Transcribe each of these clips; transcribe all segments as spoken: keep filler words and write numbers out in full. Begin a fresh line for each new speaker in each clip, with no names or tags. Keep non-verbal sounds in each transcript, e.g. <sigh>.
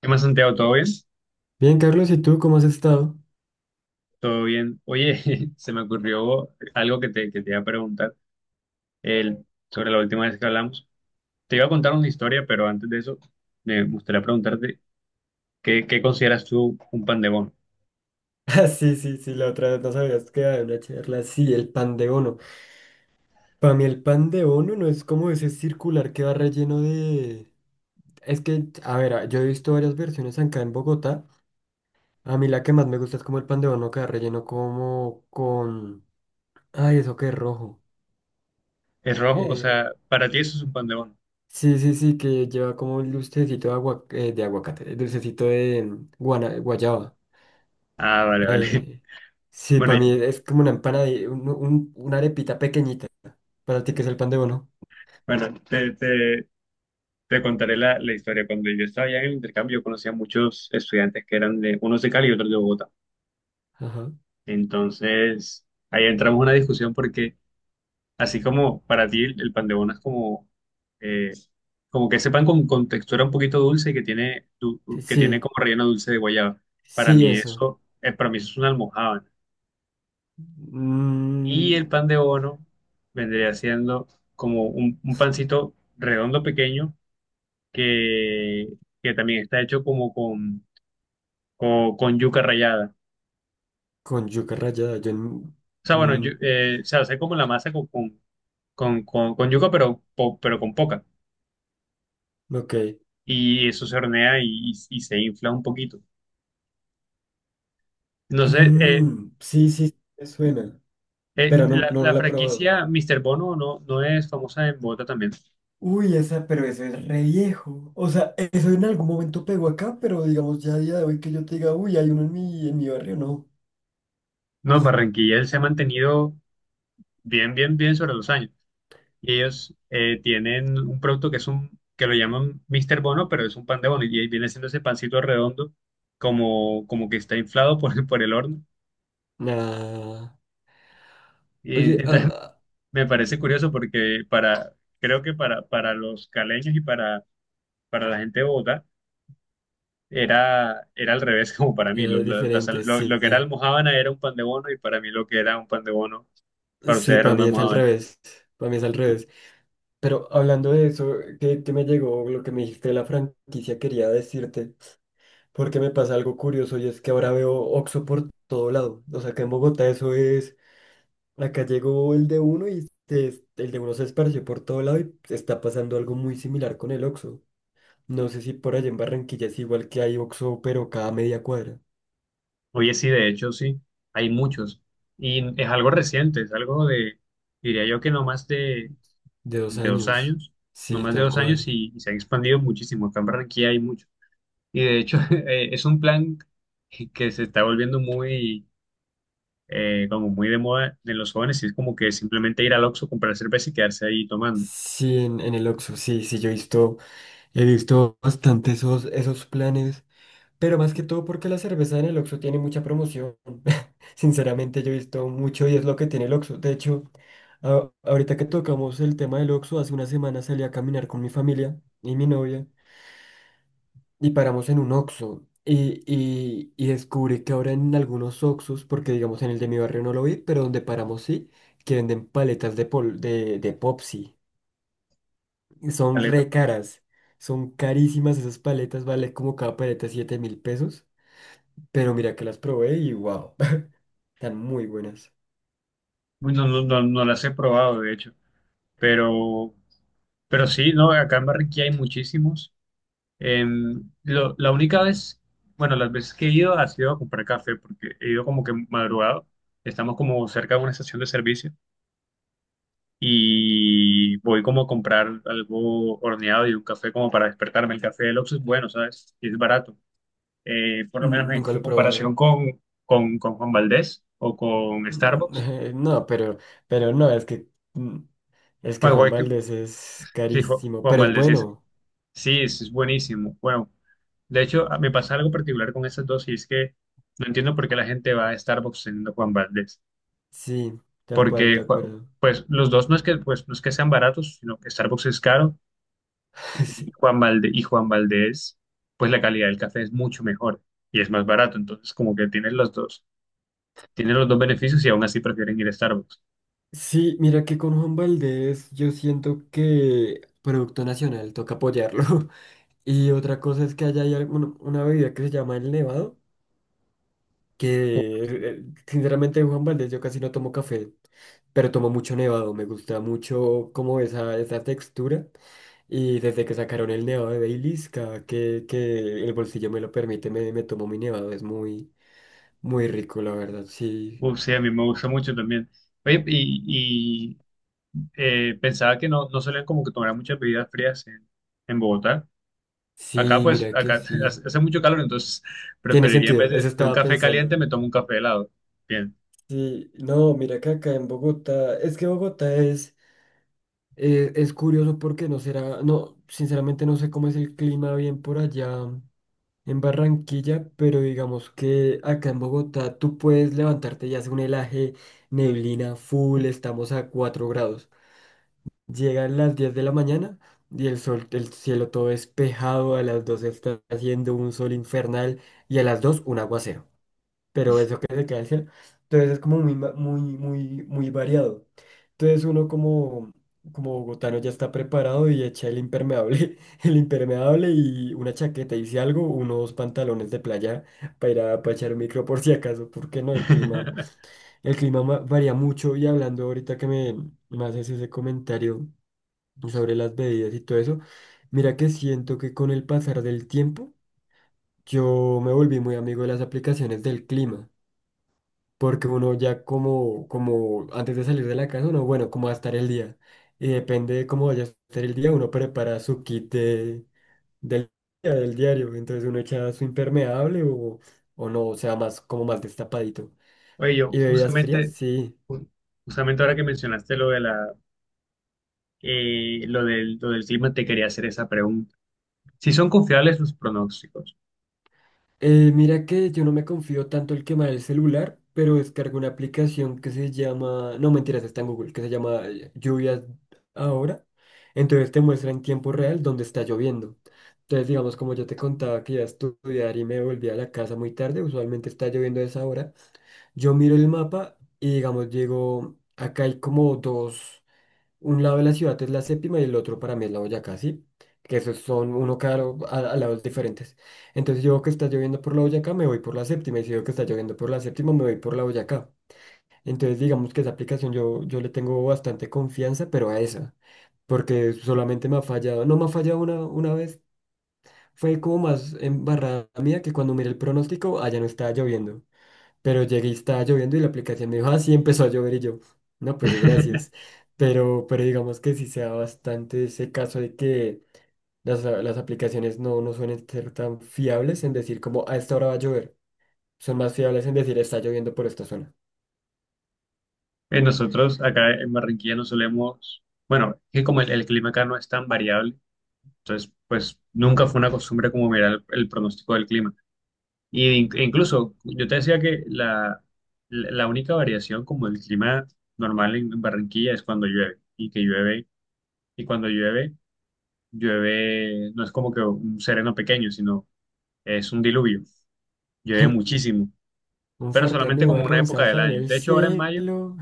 ¿Qué más, Santiago? ¿Todo bien?
Bien, Carlos, ¿y tú cómo has estado? <laughs>
¿Todo bien? Oye, <laughs> se me ocurrió algo que te, que te iba a preguntar el, sobre la última vez que hablamos. Te iba a contar una historia, pero antes de eso me gustaría preguntarte ¿qué, ¿qué consideras tú un pan de bono?
Ah, sí, sí, sí, la otra vez nos habías quedado en una charla. Sí, el pan de bono. Para mí el pan de bono no es como ese circular que va relleno de. Es que, a ver, a- yo he visto varias versiones acá en Bogotá. A mí la que más me gusta es como el pan de bono que va relleno como con. Ay, eso que es rojo.
¿Es rojo? O
Eh,
sea, para ti eso es un pan de bono.
sí, sí, sí, que lleva como un dulcecito de, agua, eh, de aguacate, el dulcecito de mm, guana- guayaba.
Ah, vale, vale.
Eh,
<laughs>
sí,
Bueno,
para mí
ya.
es como una empanadilla, un- un- una arepita pequeñita. ¿Para ti que es el pan de bono?
Bueno, te, te, te contaré la, la historia. Cuando yo estaba allá en el intercambio, yo conocía a muchos estudiantes que eran de, unos de Cali y otros de Bogotá.
Ajá.
Entonces, ahí entramos en una discusión porque así como para ti el, el pan de bono es como, eh, como que ese pan con, con textura un poquito dulce y que tiene, du-
Sí,
que tiene
sí,
como relleno dulce de guayaba. Para
sí,
mí
eso.
eso, eh, para mí eso es una almojábana. Y el
Mm,
pan de bono vendría siendo como un, un pancito redondo pequeño que, que también está hecho como con, con, con yuca rallada.
con yuca rallada. yo... n-
O sea, bueno,
mm,
yu- eh, se hace como la masa con, con, con, con- con yuca, pero, po- pero con poca.
ok.
Y eso se hornea y y- y se infla un poquito. No sé, eh,
Mm, sí, sí, me suena,
eh,
pero no,
la,
no, no
la
la he probado.
franquicia míster Bono no, no es famosa en Bogotá también.
Uy, esa, pero eso es re viejo. O sea, eso en algún momento pegó acá, pero digamos ya a día de hoy que yo te diga, uy, hay uno en mi, en mi barrio, no.
No, Barranquilla él se ha mantenido bien, bien, bien sobre los años. Y ellos eh, tienen un producto que es un, que lo llaman míster Bono, pero es un pan de bono. Y ahí viene siendo ese pancito redondo, como, como que está inflado por, <laughs> por el horno.
Nah.
Y
Oye,
entonces
ah,
<laughs> me parece curioso porque para, creo que para, para los caleños y para, para la gente de Bogotá, era, era al revés como para mí. Lo,
era
lo- la sal-
diferente,
lo-
sí.
lo que era almojábana era un pan de bono y para mí lo que era un pan de bono para usted
Sí,
era
para
una
mí es al
almojábana.
revés. Para mí es al revés. Pero hablando de eso, que, que me llegó lo que me dijiste de la franquicia, quería decirte, porque me pasa algo curioso y es que ahora veo Oxxo por todo lado. O sea, que en Bogotá eso es. Acá llegó el de uno y se- el de uno se esparció por todo lado y está pasando algo muy similar con el Oxxo. No sé si por allá en Barranquilla es igual que hay Oxxo, pero cada media cuadra.
Oye, sí, de hecho, sí, hay muchos. Y es algo reciente, es algo de, diría yo que no más de,
De dos
de dos
años.
años, no
Sí,
más de
tal
dos años
cual.
y, y se ha expandido muchísimo. Acá en Barranquilla hay muchos. Y de hecho, <laughs> eh, es un plan que se está volviendo muy, eh, como muy de moda en los jóvenes y es como que simplemente ir al Oxxo, comprar cerveza y quedarse ahí tomando.
Sí, en, en el Oxxo, sí, sí, yo he visto, he visto bastante esos, esos planes. Pero más que todo porque la cerveza en el Oxxo tiene mucha promoción. <laughs> Sinceramente yo he visto mucho y es lo que tiene el Oxxo. De hecho, a- ahorita que tocamos el tema del Oxxo, hace una semana salí a caminar con mi familia y mi novia y paramos en un Oxxo. Y, y, y descubrí que ahora en algunos Oxxos, porque digamos en el de mi barrio no lo vi, pero donde paramos sí, que venden paletas de, pol- de, de Popsi. Y son re caras. Son carísimas esas paletas, vale como cada paleta siete mil pesos. Pero mira que las probé y wow, <laughs> están muy buenas.
Uy, no, no, no, no las he probado, de hecho, pero, pero sí, ¿no? Acá en Barranquilla hay muchísimos. Em, lo- la única vez, bueno, las veces que he ido ha sido a comprar café, porque he ido como que madrugado, estamos como cerca de una estación de servicio y voy como a comprar algo horneado y un café como para despertarme. El café del Oxxo es bueno, ¿sabes? Y es barato. Eh, por lo menos
Mm,
en,
Nunca lo he
en
probado.
comparación con, con, con Juan Valdez o con
Mm,
Starbucks.
<laughs> No, pero, pero no, es que mm, es que
Bueno,
Juan
igual que-
Valdez es
Sí, Ju-
carísimo,
Juan
pero es
Valdez,
bueno.
sí, es, es buenísimo. Bueno, de hecho, a- me pasa algo particular con esas dos y es que no entiendo por qué la gente va a Starbucks teniendo Juan Valdez.
Sí, tal cual, de
Porque, Ju-
acuerdo.
pues, los dos no es que, pues, no es que sean baratos, sino que Starbucks es caro
<laughs>
y
Sí,
Juan Valdez, y Juan Valdez, pues, la calidad del café es mucho mejor y es más barato. Entonces, como que tienen los dos, tienen los dos beneficios y aún así prefieren ir a Starbucks.
sí, mira que con Juan Valdez yo siento que Producto Nacional toca apoyarlo. <laughs> Y otra cosa es que allá hay alguna- una bebida que se llama el Nevado.
Uf,
Que
sí.
eh, eh, sinceramente Juan Valdez yo casi no tomo café, pero tomo mucho nevado, me gusta mucho como esa, esa textura y desde que sacaron el nevado de Baileys, cada que, que el bolsillo me lo permite me, me tomo mi nevado, es muy, muy rico la verdad. Sí,
Uf, sí, a mí me gusta mucho también. Oye, y, eh, pensaba que no, no solían como que tomar muchas bebidas frías en, en Bogotá. Acá
sí,
pues,
mira que
acá <laughs> hace
sí,
hace mucho calor, entonces
tiene
preferiría en
sentido,
vez
eso
de, de un
estaba
café caliente
pensando.
me tomo un café helado. Bien.
Sí, no, mira que acá en Bogotá, es que Bogotá es, eh, es curioso porque no será, no, sinceramente no sé cómo es el clima bien por allá en Barranquilla, pero digamos que acá en Bogotá tú puedes levantarte y hace un helaje, neblina full, estamos a cuatro grados. Llegan las diez de la mañana y el sol, el cielo todo despejado, a las dos está haciendo un sol infernal y a las dos un aguacero, pero eso que se queda el cielo. Entonces es como muy, ma- muy, muy, muy variado. Entonces uno como, como bogotano ya está preparado y echa el impermeable, <laughs> el impermeable y una chaqueta y si algo, unos pantalones de playa para ir a para echar micro por si acaso, porque no, el clima,
<laughs>
el clima ma- varía mucho y hablando ahorita que me, me haces ese comentario sobre las bebidas y todo eso, mira que siento que con el pasar del tiempo yo me volví muy amigo de las aplicaciones del clima porque uno ya como, como antes de salir de la casa, uno, bueno, cómo va a estar el día. Y depende de cómo vaya a estar el día, uno prepara su kit de- del día, del diario. Entonces uno echa su impermeable o, o no, o sea, más como más destapadito.
Oye, yo
¿Y bebidas frías?
justamente,
Sí.
ju- justamente ahora que mencionaste lo de la, eh, lo del, lo del clima, te quería hacer esa pregunta. Si son confiables los pronósticos.
Eh, mira que yo no me confío tanto el quemar el celular, pero descargo una aplicación que se llama, no mentiras, está en Google, que se llama eh, Lluvias Ahora. Entonces te muestra en tiempo real dónde está lloviendo. Entonces, digamos, como yo te contaba que iba a estudiar y me volví a la casa muy tarde, usualmente está lloviendo a esa hora, yo miro el mapa y, digamos, llego, acá hay como dos. Un lado de la ciudad es la séptima y el otro para mí es la Boyacá, ¿sí? Que esos son uno cada lo- a, a lados diferentes. Entonces yo veo que está lloviendo por la Boyacá, me voy por la séptima. Y si veo que está lloviendo por la séptima, me voy por la Boyacá. Entonces digamos que esa aplicación yo, yo le tengo bastante confianza, pero a esa. Porque solamente me ha fallado, no me ha fallado una, una vez. Fue como más embarrada mía que cuando miré el pronóstico, allá no estaba lloviendo. Pero llegué y estaba lloviendo y la aplicación me dijo, ah, sí, empezó a llover y yo, no, pues gracias.
<laughs>
Pero, pero digamos que sí se da bastante ese caso de que las, a- las aplicaciones no, no suelen ser tan fiables en decir como a esta hora va a llover. Son más fiables en decir está lloviendo por esta zona.
Eh, Nosotros acá en Barranquilla no solemos, bueno, que como el, el clima acá no es tan variable, entonces pues nunca fue una costumbre como mirar el, el pronóstico del clima. Y in- e incluso yo te decía que la, la la única variación como el clima normal en en Barranquilla es cuando llueve y que llueve y cuando llueve, llueve no es como que un sereno pequeño, sino es un diluvio. Llueve muchísimo,
Un
pero
fuerte
solamente como una
nubarrón
época del
salta en
año.
el
De hecho, ahora en mayo,
cielo.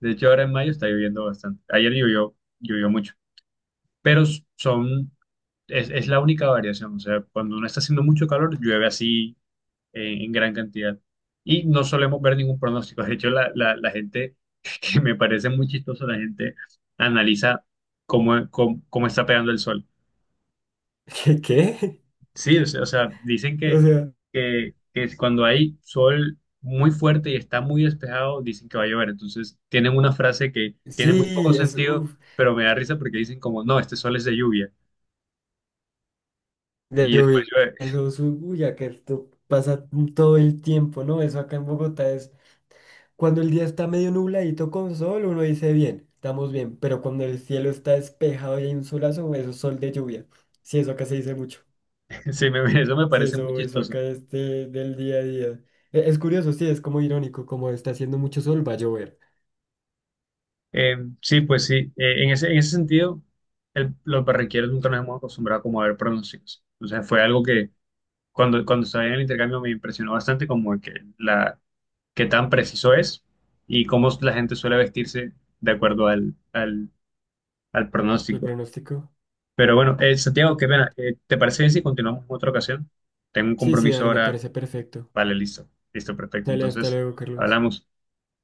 de hecho ahora en mayo está lloviendo bastante. Ayer llovió, llovió mucho, pero son es, es la única variación, o sea, cuando no está haciendo mucho calor, llueve así en, en gran cantidad. Y no solemos ver ningún pronóstico. De hecho, la, la, la gente, <laughs> que me parece muy chistoso, la gente analiza cómo, cómo, cómo está pegando el sol.
<laughs> ¿Qué? ¿Qué?
Sí, o sea, o sea, dicen
O
que,
sea,
que, que es cuando hay sol muy fuerte y está muy despejado, dicen que va a llover. Entonces, tienen una frase que tiene muy poco
sí, es,
sentido,
uff,
pero me da risa porque dicen como, no, este sol es de lluvia.
de
Y después
lluvia.
llueve. <laughs>
Eso es, un- uy, ya que esto pasa todo el tiempo, ¿no? Eso acá en Bogotá es cuando el día está medio nubladito con sol, uno dice bien, estamos bien, pero cuando el cielo está despejado y hay un solazo, eso es sol de lluvia. Sí, eso acá se dice mucho.
Sí, me- eso me
Sí,
parece muy
eso, eso
chistoso.
acá es de- del día a día. E- Es curioso, sí, es como irónico, como está haciendo mucho sol, va a llover.
Eh, sí, pues sí. Eh, en ese, en ese sentido, el- los barranquilleros nunca nos hemos acostumbrado como a ver pronósticos. Entonces fue algo que cuando, cuando estaba en el intercambio me impresionó bastante como que la qué tan preciso es y cómo la gente suele vestirse de acuerdo al, al, al
El
pronóstico.
pronóstico.
Pero bueno, eh, Santiago, qué pena. Eh, ¿te parece bien si continuamos en otra ocasión? Tengo un
Sí, sí,
compromiso
dale, me
ahora.
parece perfecto.
Vale, listo. Listo, perfecto.
Dale, hasta
Entonces,
luego, Carlos.
hablamos.